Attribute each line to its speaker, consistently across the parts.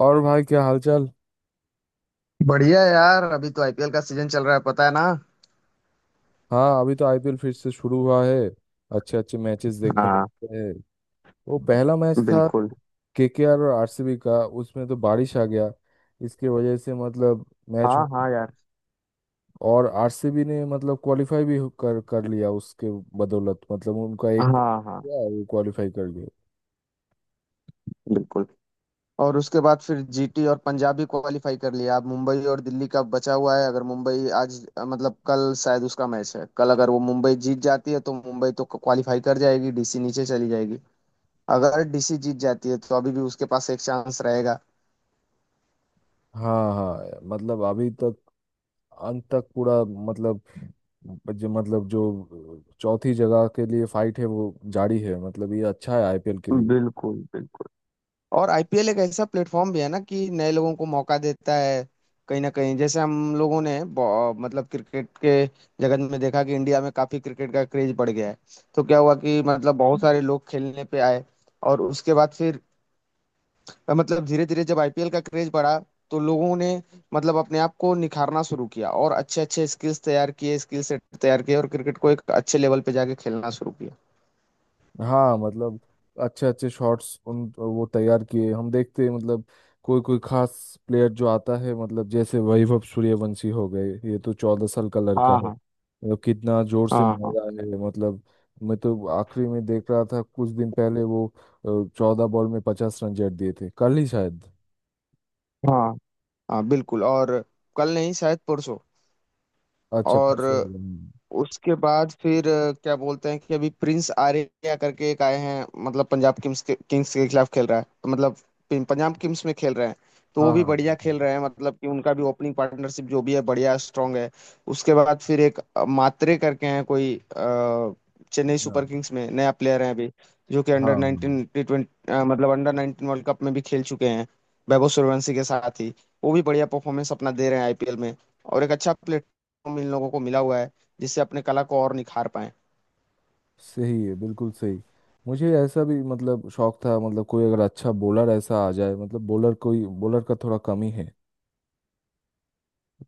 Speaker 1: और भाई क्या हालचाल।
Speaker 2: बढ़िया यार, अभी तो आईपीएल का सीजन चल रहा है, पता है ना।
Speaker 1: हाँ, अभी तो आईपीएल फिर से शुरू हुआ है। अच्छे अच्छे मैचेस देखने को
Speaker 2: हाँ।
Speaker 1: मिलते हैं। वो पहला मैच था
Speaker 2: बिल्कुल।
Speaker 1: केकेआर और आरसीबी का, उसमें तो बारिश आ गया। इसके वजह से मतलब मैच
Speaker 2: हाँ
Speaker 1: हो
Speaker 2: हाँ यार।
Speaker 1: और आरसीबी ने मतलब क्वालिफाई भी कर कर लिया उसके बदौलत, मतलब उनका
Speaker 2: हाँ
Speaker 1: एक
Speaker 2: हाँ।
Speaker 1: गया वो क्वालिफाई कर गए।
Speaker 2: बिल्कुल। और उसके बाद फिर जीटी और पंजाब भी क्वालिफाई कर लिया। अब मुंबई और दिल्ली का बचा हुआ है। अगर मुंबई आज मतलब कल शायद उसका मैच है, कल अगर वो मुंबई जीत जाती है तो मुंबई तो क्वालिफाई कर जाएगी, डीसी नीचे चली जाएगी। अगर डीसी जीत जाती है तो अभी भी उसके पास एक चांस रहेगा।
Speaker 1: हाँ हाँ, मतलब अभी तक अंत तक पूरा मतलब जो चौथी जगह के लिए फाइट है वो जारी है, मतलब ये अच्छा है आईपीएल के लिए।
Speaker 2: बिल्कुल बिल्कुल। और आईपीएल एक ऐसा प्लेटफॉर्म भी है ना, कि नए लोगों को मौका देता है। कहीं ना कहीं जैसे हम लोगों ने मतलब क्रिकेट के जगत में देखा कि इंडिया में काफी क्रिकेट का क्रेज बढ़ गया है। तो क्या हुआ कि मतलब बहुत सारे लोग खेलने पे आए और उसके बाद फिर मतलब धीरे धीरे जब आईपीएल का क्रेज बढ़ा तो लोगों ने मतलब अपने आप को निखारना शुरू किया और अच्छे अच्छे स्किल्स तैयार किए, स्किल सेट तैयार किए और क्रिकेट को एक अच्छे लेवल पे जाके खेलना शुरू किया।
Speaker 1: हाँ, मतलब अच्छे अच्छे शॉट्स उन वो तैयार किए, हम देखते हैं मतलब कोई कोई खास प्लेयर जो आता है, मतलब जैसे वैभव सूर्यवंशी हो गए। ये तो 14 साल का लड़का
Speaker 2: हाँ
Speaker 1: है,
Speaker 2: हाँ।
Speaker 1: मतलब कितना जोर से
Speaker 2: हाँ
Speaker 1: मार
Speaker 2: हाँ।
Speaker 1: रहा है। मतलब मैं तो आखिरी में देख रहा था, कुछ दिन पहले वो 14 बॉल में 50 रन जड़ दिए थे, कल ही शायद।
Speaker 2: हाँ हाँ। बिल्कुल। और कल नहीं, शायद परसों।
Speaker 1: अच्छा,
Speaker 2: और
Speaker 1: परसों हो गए।
Speaker 2: उसके बाद फिर क्या बोलते हैं कि अभी प्रिंस आर्या करके एक आए हैं, मतलब पंजाब किंग्स के खिलाफ खेल रहा है। तो मतलब पंजाब किंग्स में खेल रहे हैं तो वो
Speaker 1: हाँ
Speaker 2: भी
Speaker 1: हाँ
Speaker 2: बढ़िया
Speaker 1: हाँ
Speaker 2: खेल रहे हैं। मतलब कि उनका भी ओपनिंग पार्टनरशिप जो भी है बढ़िया स्ट्रांग है। उसके बाद फिर एक मात्रे करके हैं कोई, चेन्नई
Speaker 1: हाँ
Speaker 2: सुपर किंग्स में नया प्लेयर है अभी, जो कि
Speaker 1: हाँ
Speaker 2: अंडर 19
Speaker 1: हाँ।
Speaker 2: T20 मतलब अंडर 19 वर्ल्ड कप में भी खेल चुके हैं, वैभव सूर्यवंशी के साथ ही। वो भी बढ़िया परफॉर्मेंस अपना दे रहे हैं आईपीएल में। और एक अच्छा प्लेटफॉर्म इन लोगों को मिला हुआ है, जिससे अपने कला को और निखार पाए।
Speaker 1: सही है, बिल्कुल सही। मुझे ऐसा भी मतलब शौक था, मतलब कोई अगर अच्छा बॉलर ऐसा आ जाए, मतलब बॉलर कोई बॉलर का थोड़ा कमी है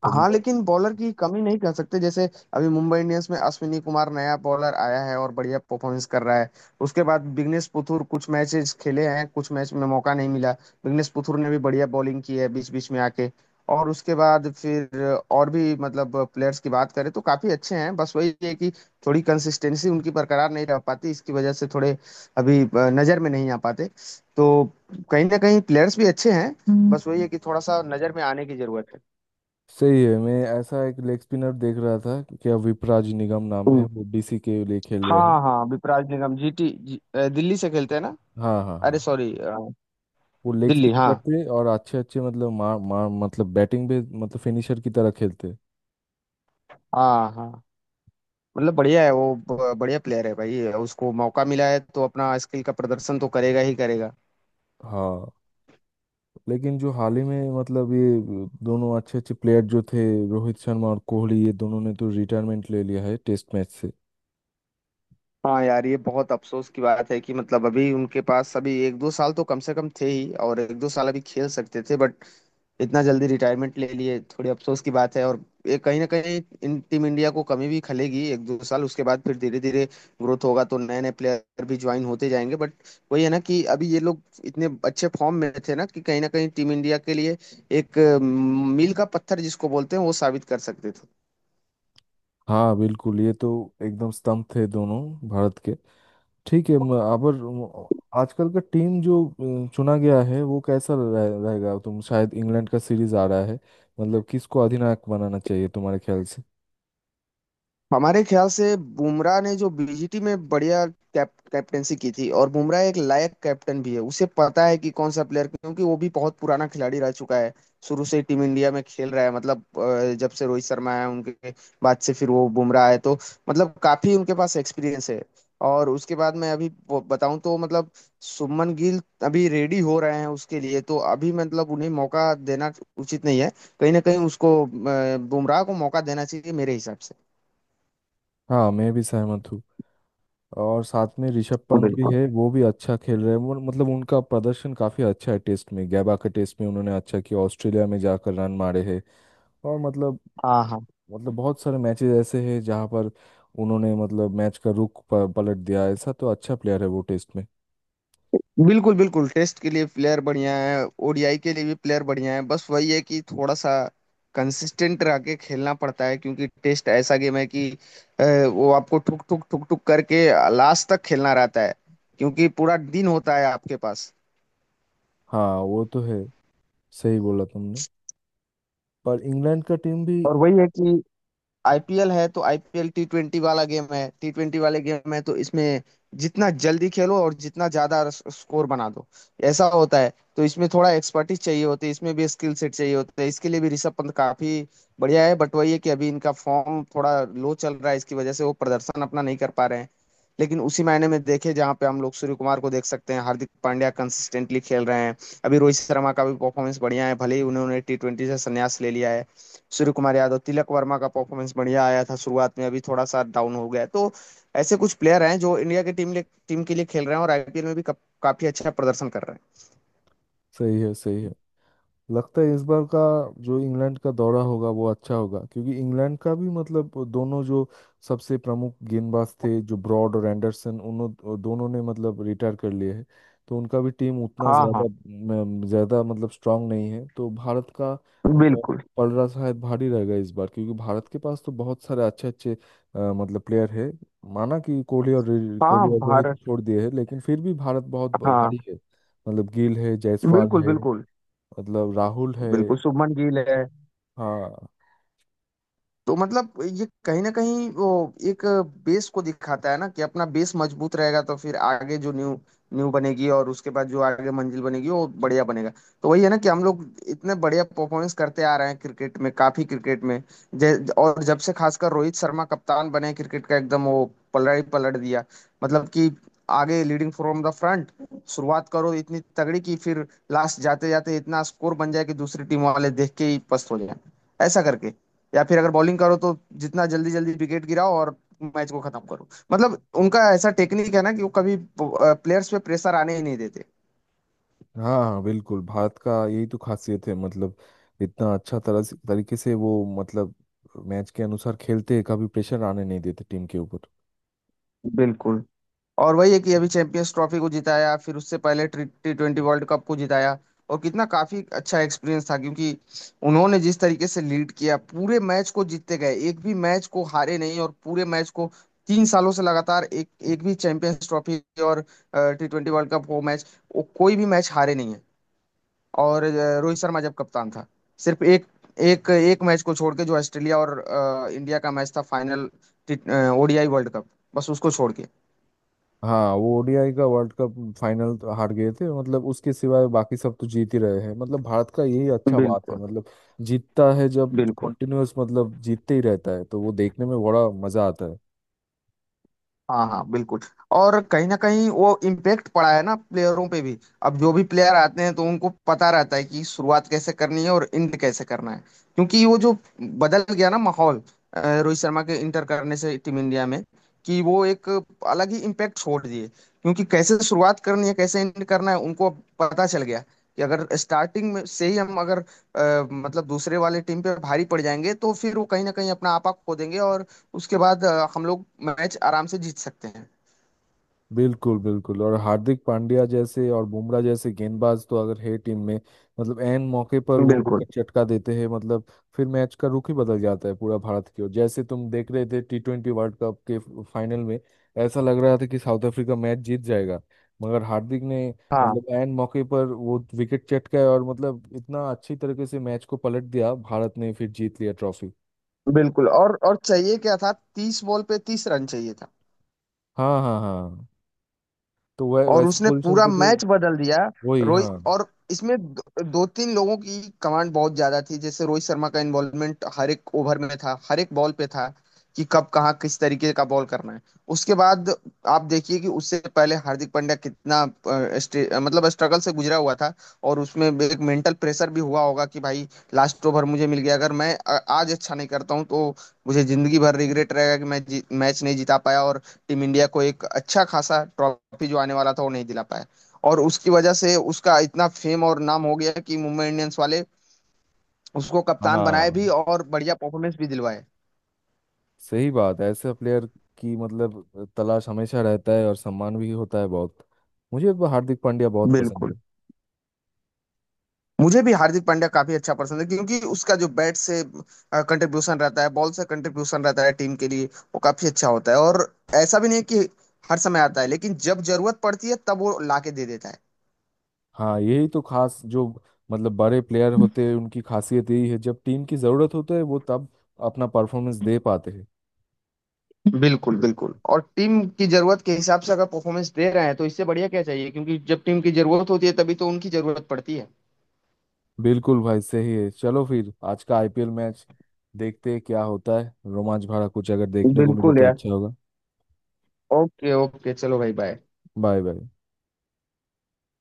Speaker 1: तो
Speaker 2: हाँ
Speaker 1: मैं।
Speaker 2: लेकिन बॉलर की कमी नहीं कह सकते। जैसे अभी मुंबई इंडियंस में अश्विनी कुमार नया बॉलर आया है और बढ़िया परफॉर्मेंस कर रहा है। उसके बाद बिग्नेश पुथुर कुछ मैचेस खेले हैं, कुछ मैच में मौका नहीं मिला। बिग्नेश पुथुर ने भी बढ़िया बॉलिंग की है बीच बीच में आके। और उसके बाद फिर और भी मतलब प्लेयर्स की बात करें तो काफी अच्छे हैं, बस वही है कि थोड़ी कंसिस्टेंसी उनकी बरकरार नहीं रह पाती। इसकी वजह से थोड़े अभी नजर में नहीं आ पाते। तो कहीं ना कहीं प्लेयर्स भी अच्छे हैं, बस वही है कि थोड़ा सा नजर में आने की जरूरत
Speaker 1: सही है। मैं ऐसा एक लेग स्पिनर देख रहा था कि क्या विपराज निगम नाम है,
Speaker 2: है।
Speaker 1: वो डीसी के लिए खेल रहे हैं।
Speaker 2: हाँ हाँ, विपराग निगम जीटी जी, दिल्ली से खेलते हैं ना।
Speaker 1: हाँ हाँ हाँ।
Speaker 2: अरे सॉरी,
Speaker 1: वो लेग
Speaker 2: दिल्ली,
Speaker 1: स्पिन
Speaker 2: हाँ।
Speaker 1: करते और अच्छे अच्छे मतलब मार मार मतलब बैटिंग भी मतलब फिनिशर की तरह खेलते।
Speaker 2: हाँ हाँ, मतलब बढ़िया है वो, बढ़िया प्लेयर है भाई। उसको मौका मिला है तो अपना स्किल का प्रदर्शन तो करेगा ही करेगा।
Speaker 1: हाँ, लेकिन जो हाल ही में मतलब ये दोनों अच्छे अच्छे प्लेयर जो थे, रोहित शर्मा और कोहली, ये दोनों ने तो रिटायरमेंट ले लिया है टेस्ट मैच से।
Speaker 2: हाँ यार, ये बहुत अफसोस की बात है कि मतलब अभी उनके पास अभी एक दो साल तो कम से कम थे ही, और एक दो साल अभी खेल सकते थे, बट इतना जल्दी रिटायरमेंट ले लिए, थोड़ी अफसोस की बात है। और ये कहीं ना कहीं इन टीम इंडिया को कमी भी खलेगी एक दो साल। उसके बाद फिर धीरे धीरे ग्रोथ होगा तो नए नए प्लेयर भी ज्वाइन होते जाएंगे, बट वही है ना कि अभी ये लोग इतने अच्छे फॉर्म में थे ना, कि कहीं ना कहीं मील का पत्थर जिसको बोलते हैं वो साबित कर सकते थे।
Speaker 1: हाँ बिल्कुल, ये तो एकदम स्तंभ थे दोनों भारत के। ठीक है, अबर आजकल का टीम जो चुना गया है वो कैसा रहेगा, तुम शायद इंग्लैंड का सीरीज आ रहा है, मतलब किसको अधिनायक बनाना चाहिए तुम्हारे ख्याल से।
Speaker 2: हमारे ख्याल से बुमराह ने जो बीजीटी में बढ़िया कैप्टेंसी की थी, और बुमराह एक लायक कैप्टन भी है, उसे पता है कि कौन सा प्लेयर, क्योंकि वो भी बहुत पुराना खिलाड़ी रह चुका है। शुरू से ही टीम इंडिया में खेल रहा है, मतलब जब से रोहित शर्मा आया उनके बाद से फिर वो बुमराह आए। तो मतलब काफी उनके पास एक्सपीरियंस है। और उसके बाद मैं अभी बताऊं तो मतलब शुभमन गिल अभी रेडी हो रहे हैं। उसके लिए तो अभी मतलब उन्हें मौका देना उचित नहीं है। कहीं ना कहीं उसको, बुमराह को मौका देना चाहिए मेरे हिसाब से।
Speaker 1: हाँ, मैं भी सहमत हूँ। और साथ में ऋषभ पंत भी
Speaker 2: बिल्कुल।
Speaker 1: है, वो भी अच्छा खेल रहे हैं। मतलब उनका प्रदर्शन काफी अच्छा है टेस्ट में, गैबा के टेस्ट में उन्होंने अच्छा किया, ऑस्ट्रेलिया में जाकर रन मारे हैं। और मतलब
Speaker 2: हाँ हाँ।
Speaker 1: बहुत सारे मैचेस ऐसे हैं जहाँ पर उन्होंने मतलब मैच का रुख पलट दिया, ऐसा तो अच्छा प्लेयर है वो टेस्ट में।
Speaker 2: बिल्कुल बिल्कुल। टेस्ट के लिए प्लेयर बढ़िया है, ओडीआई के लिए भी प्लेयर बढ़िया है, बस वही है कि थोड़ा सा कंसिस्टेंट रह के खेलना पड़ता है, क्योंकि टेस्ट ऐसा गेम है कि अ, वो आपको ठुक ठुक ठुक ठुक करके लास्ट तक खेलना रहता है, क्योंकि पूरा दिन होता है आपके पास।
Speaker 1: हाँ वो तो है, सही बोला तुमने। पर इंग्लैंड का टीम भी
Speaker 2: और वही है कि आईपीएल है तो आईपीएल T20 वाला गेम है, T20 वाले गेम है तो इसमें जितना जल्दी खेलो और जितना ज्यादा स्कोर बना दो, ऐसा होता है। तो इसमें थोड़ा एक्सपर्टीज चाहिए होती है, इसमें भी स्किल सेट चाहिए होता है। इसके लिए भी ऋषभ पंत काफी बढ़िया है, बट वही है कि अभी इनका फॉर्म थोड़ा लो चल रहा है, इसकी वजह से वो प्रदर्शन अपना नहीं कर पा रहे हैं। लेकिन उसी मायने में देखे जहाँ पे हम लोग सूर्य कुमार को देख सकते हैं, हार्दिक पांड्या कंसिस्टेंटली खेल रहे हैं, अभी रोहित शर्मा का भी परफॉर्मेंस बढ़िया है, भले ही उन्होंने T20 से संन्यास ले लिया है। सूर्य कुमार यादव, तिलक वर्मा का परफॉर्मेंस बढ़िया आया था शुरुआत में, अभी थोड़ा सा डाउन हो गया है। तो ऐसे कुछ प्लेयर हैं जो इंडिया की टीम टीम के लिए खेल रहे हैं और आईपीएल में भी काफी अच्छा प्रदर्शन कर रहे हैं।
Speaker 1: सही है, सही है। लगता है इस बार का जो इंग्लैंड का दौरा होगा वो अच्छा होगा, क्योंकि इंग्लैंड का भी मतलब दोनों जो सबसे प्रमुख गेंदबाज थे, जो ब्रॉड और एंडरसन, उन्हों दोनों ने मतलब रिटायर कर लिए हैं, तो उनका भी टीम उतना
Speaker 2: हाँ हाँ
Speaker 1: ज़्यादा ज़्यादा मतलब स्ट्रांग नहीं है, तो भारत का अ,
Speaker 2: बिल्कुल।
Speaker 1: पलड़ा शायद भारी रहेगा इस बार, क्योंकि भारत के पास तो बहुत सारे अच्छे अच्छे मतलब प्लेयर है। माना कि कोहली और
Speaker 2: हाँ
Speaker 1: कोहली और रोहित
Speaker 2: भारत।
Speaker 1: छोड़ दिए हैं, लेकिन फिर भी भारत बहुत
Speaker 2: हाँ।
Speaker 1: भारी है, मतलब गिल है, जायसवाल
Speaker 2: बिल्कुल
Speaker 1: है,
Speaker 2: बिल्कुल।
Speaker 1: मतलब राहुल है।
Speaker 2: बिल्कुल, शुभमन गिल है।
Speaker 1: हाँ
Speaker 2: तो मतलब ये कहीं ना कहीं वो एक बेस को दिखाता है ना, कि अपना बेस मजबूत रहेगा तो फिर आगे जो न्यू न्यू बनेगी और उसके बाद जो आगे मंजिल बनेगी वो बढ़िया बनेगा। तो वही है ना कि हम लोग इतने बढ़िया परफॉर्मेंस करते आ रहे हैं क्रिकेट में, काफी क्रिकेट में और जब से खासकर रोहित शर्मा कप्तान बने, क्रिकेट का एकदम वो पलड़ा ही पलट दिया। मतलब कि आगे लीडिंग फ्रॉम द फ्रंट, शुरुआत करो इतनी तगड़ी कि फिर लास्ट जाते जाते इतना स्कोर बन जाए कि दूसरी टीम वाले देख के ही पस्त हो जाए, ऐसा करके। या फिर अगर बॉलिंग करो तो जितना जल्दी जल्दी विकेट गिराओ और मैच को खत्म करो। मतलब उनका ऐसा टेक्निक है ना कि वो कभी प्लेयर्स पे प्रेशर आने ही नहीं देते।
Speaker 1: हाँ हाँ, बिल्कुल भारत का यही तो खासियत है, मतलब इतना अच्छा तरह से तरीके से वो मतलब मैच के अनुसार खेलते हैं, कभी प्रेशर आने नहीं देते टीम के ऊपर।
Speaker 2: बिल्कुल। और वही है कि अभी चैंपियंस ट्रॉफी को जिताया, फिर उससे पहले T20 वर्ल्ड कप को जिताया। और कितना काफी अच्छा एक्सपीरियंस था, क्योंकि उन्होंने जिस तरीके से लीड किया पूरे मैच को, जीतते गए, एक भी मैच को हारे नहीं, और पूरे मैच को 3 सालों से लगातार, एक एक भी चैंपियंस ट्रॉफी और T20 वर्ल्ड कप वो मैच, वो कोई भी मैच हारे नहीं। और रोहित शर्मा जब कप्तान था, सिर्फ एक एक एक मैच को छोड़ के, जो ऑस्ट्रेलिया और इंडिया का मैच था, फाइनल ओडीआई वर्ल्ड कप, बस उसको छोड़ के।
Speaker 1: हाँ, वो ओडीआई का वर्ल्ड कप फाइनल तो हार गए थे, मतलब उसके सिवाय बाकी सब तो जीत ही रहे हैं, मतलब भारत का यही अच्छा बात है,
Speaker 2: बिल्कुल
Speaker 1: मतलब जीतता है जब
Speaker 2: बिल्कुल।
Speaker 1: कंटिन्यूअस, मतलब जीतते ही रहता है तो वो देखने में बड़ा मजा आता है।
Speaker 2: हाँ हाँ बिल्कुल। और कहीं ना कहीं वो इम्पेक्ट पड़ा है ना, प्लेयरों पे भी, अब जो भी प्लेयर आते हैं तो उनको पता रहता है कि शुरुआत कैसे करनी है और एंड कैसे करना है, क्योंकि वो जो बदल गया ना माहौल, रोहित शर्मा के इंटर करने से टीम इंडिया में, कि वो एक अलग ही इम्पेक्ट छोड़ दिए, क्योंकि कैसे शुरुआत करनी है कैसे एंड करना है उनको अब पता चल गया, कि अगर स्टार्टिंग में से ही हम अगर मतलब दूसरे वाले टीम पे भारी पड़ जाएंगे तो फिर वो कहीं ना कहीं अपना आपा खो देंगे, और उसके बाद हम लोग मैच आराम से जीत सकते हैं।
Speaker 1: बिल्कुल बिल्कुल, और हार्दिक पांड्या जैसे और बुमराह जैसे गेंदबाज तो अगर है टीम में, मतलब एन मौके पर वो
Speaker 2: बिल्कुल।
Speaker 1: विकेट चटका देते हैं, मतलब फिर मैच का रुख ही बदल जाता है पूरा भारत की ओर, जैसे तुम देख रहे थे T20 वर्ल्ड कप के फाइनल में, ऐसा लग रहा था कि साउथ अफ्रीका मैच जीत जाएगा, मगर हार्दिक ने
Speaker 2: हाँ
Speaker 1: मतलब एन मौके पर वो विकेट चटकाया और मतलब इतना अच्छी तरीके से मैच को पलट दिया, भारत ने फिर जीत लिया ट्रॉफी।
Speaker 2: बिल्कुल। और चाहिए क्या था? 30 बॉल पे 30 रन चाहिए था।
Speaker 1: हाँ हाँ हाँ, तो
Speaker 2: और
Speaker 1: वैसे
Speaker 2: उसने
Speaker 1: पोजीशन
Speaker 2: पूरा
Speaker 1: तो,
Speaker 2: मैच
Speaker 1: तो
Speaker 2: बदल दिया।
Speaker 1: वही। हाँ
Speaker 2: रोहित, और इसमें दो तीन लोगों की कमांड बहुत ज्यादा थी, जैसे रोहित शर्मा का इन्वॉल्वमेंट हर एक ओवर में था, हर एक बॉल पे था, कि कब कहाँ किस तरीके का बॉल करना है। उसके बाद आप देखिए कि उससे पहले हार्दिक पांड्या कितना मतलब स्ट्रगल से गुजरा हुआ था, और उसमें एक मेंटल प्रेशर भी हुआ होगा कि भाई, लास्ट ओवर मुझे मिल गया, अगर मैं आज अच्छा नहीं करता हूँ तो मुझे जिंदगी भर रिग्रेट रहेगा कि मैं मैच नहीं जीता पाया और टीम इंडिया को एक अच्छा खासा ट्रॉफी जो आने वाला था वो नहीं दिला पाया। और उसकी वजह से उसका इतना फेम और नाम हो गया कि मुंबई इंडियंस वाले उसको कप्तान बनाए
Speaker 1: हाँ,
Speaker 2: भी, और बढ़िया परफॉर्मेंस भी दिलवाए।
Speaker 1: सही बात है, ऐसे प्लेयर की मतलब तलाश हमेशा रहता है और सम्मान भी होता है बहुत, मुझे तो हार्दिक पांड्या बहुत पसंद
Speaker 2: बिल्कुल।
Speaker 1: है।
Speaker 2: मुझे भी हार्दिक पांड्या काफी अच्छा पसंद है, क्योंकि उसका जो बैट से कंट्रीब्यूशन रहता है, बॉल से कंट्रीब्यूशन रहता है टीम के लिए, वो काफी अच्छा होता है। और ऐसा भी नहीं है कि हर समय आता है, लेकिन जब जरूरत पड़ती है तब वो लाके दे देता है।
Speaker 1: हाँ, यही तो खास जो मतलब बड़े प्लेयर होते हैं उनकी खासियत यही है, जब टीम की ज़रूरत होता है वो तब अपना परफॉर्मेंस दे पाते हैं।
Speaker 2: बिल्कुल बिल्कुल। और टीम की जरूरत के हिसाब से अगर परफॉर्मेंस दे रहे हैं तो इससे बढ़िया क्या चाहिए, क्योंकि जब टीम की जरूरत होती है तभी तो उनकी जरूरत पड़ती है।
Speaker 1: बिल्कुल भाई, सही है, चलो फिर आज का आईपीएल मैच देखते हैं, क्या होता है, रोमांच भरा कुछ अगर देखने को मिले
Speaker 2: बिल्कुल
Speaker 1: तो
Speaker 2: यार।
Speaker 1: अच्छा होगा।
Speaker 2: ओके ओके, चलो भाई, बाय।
Speaker 1: Bye bye.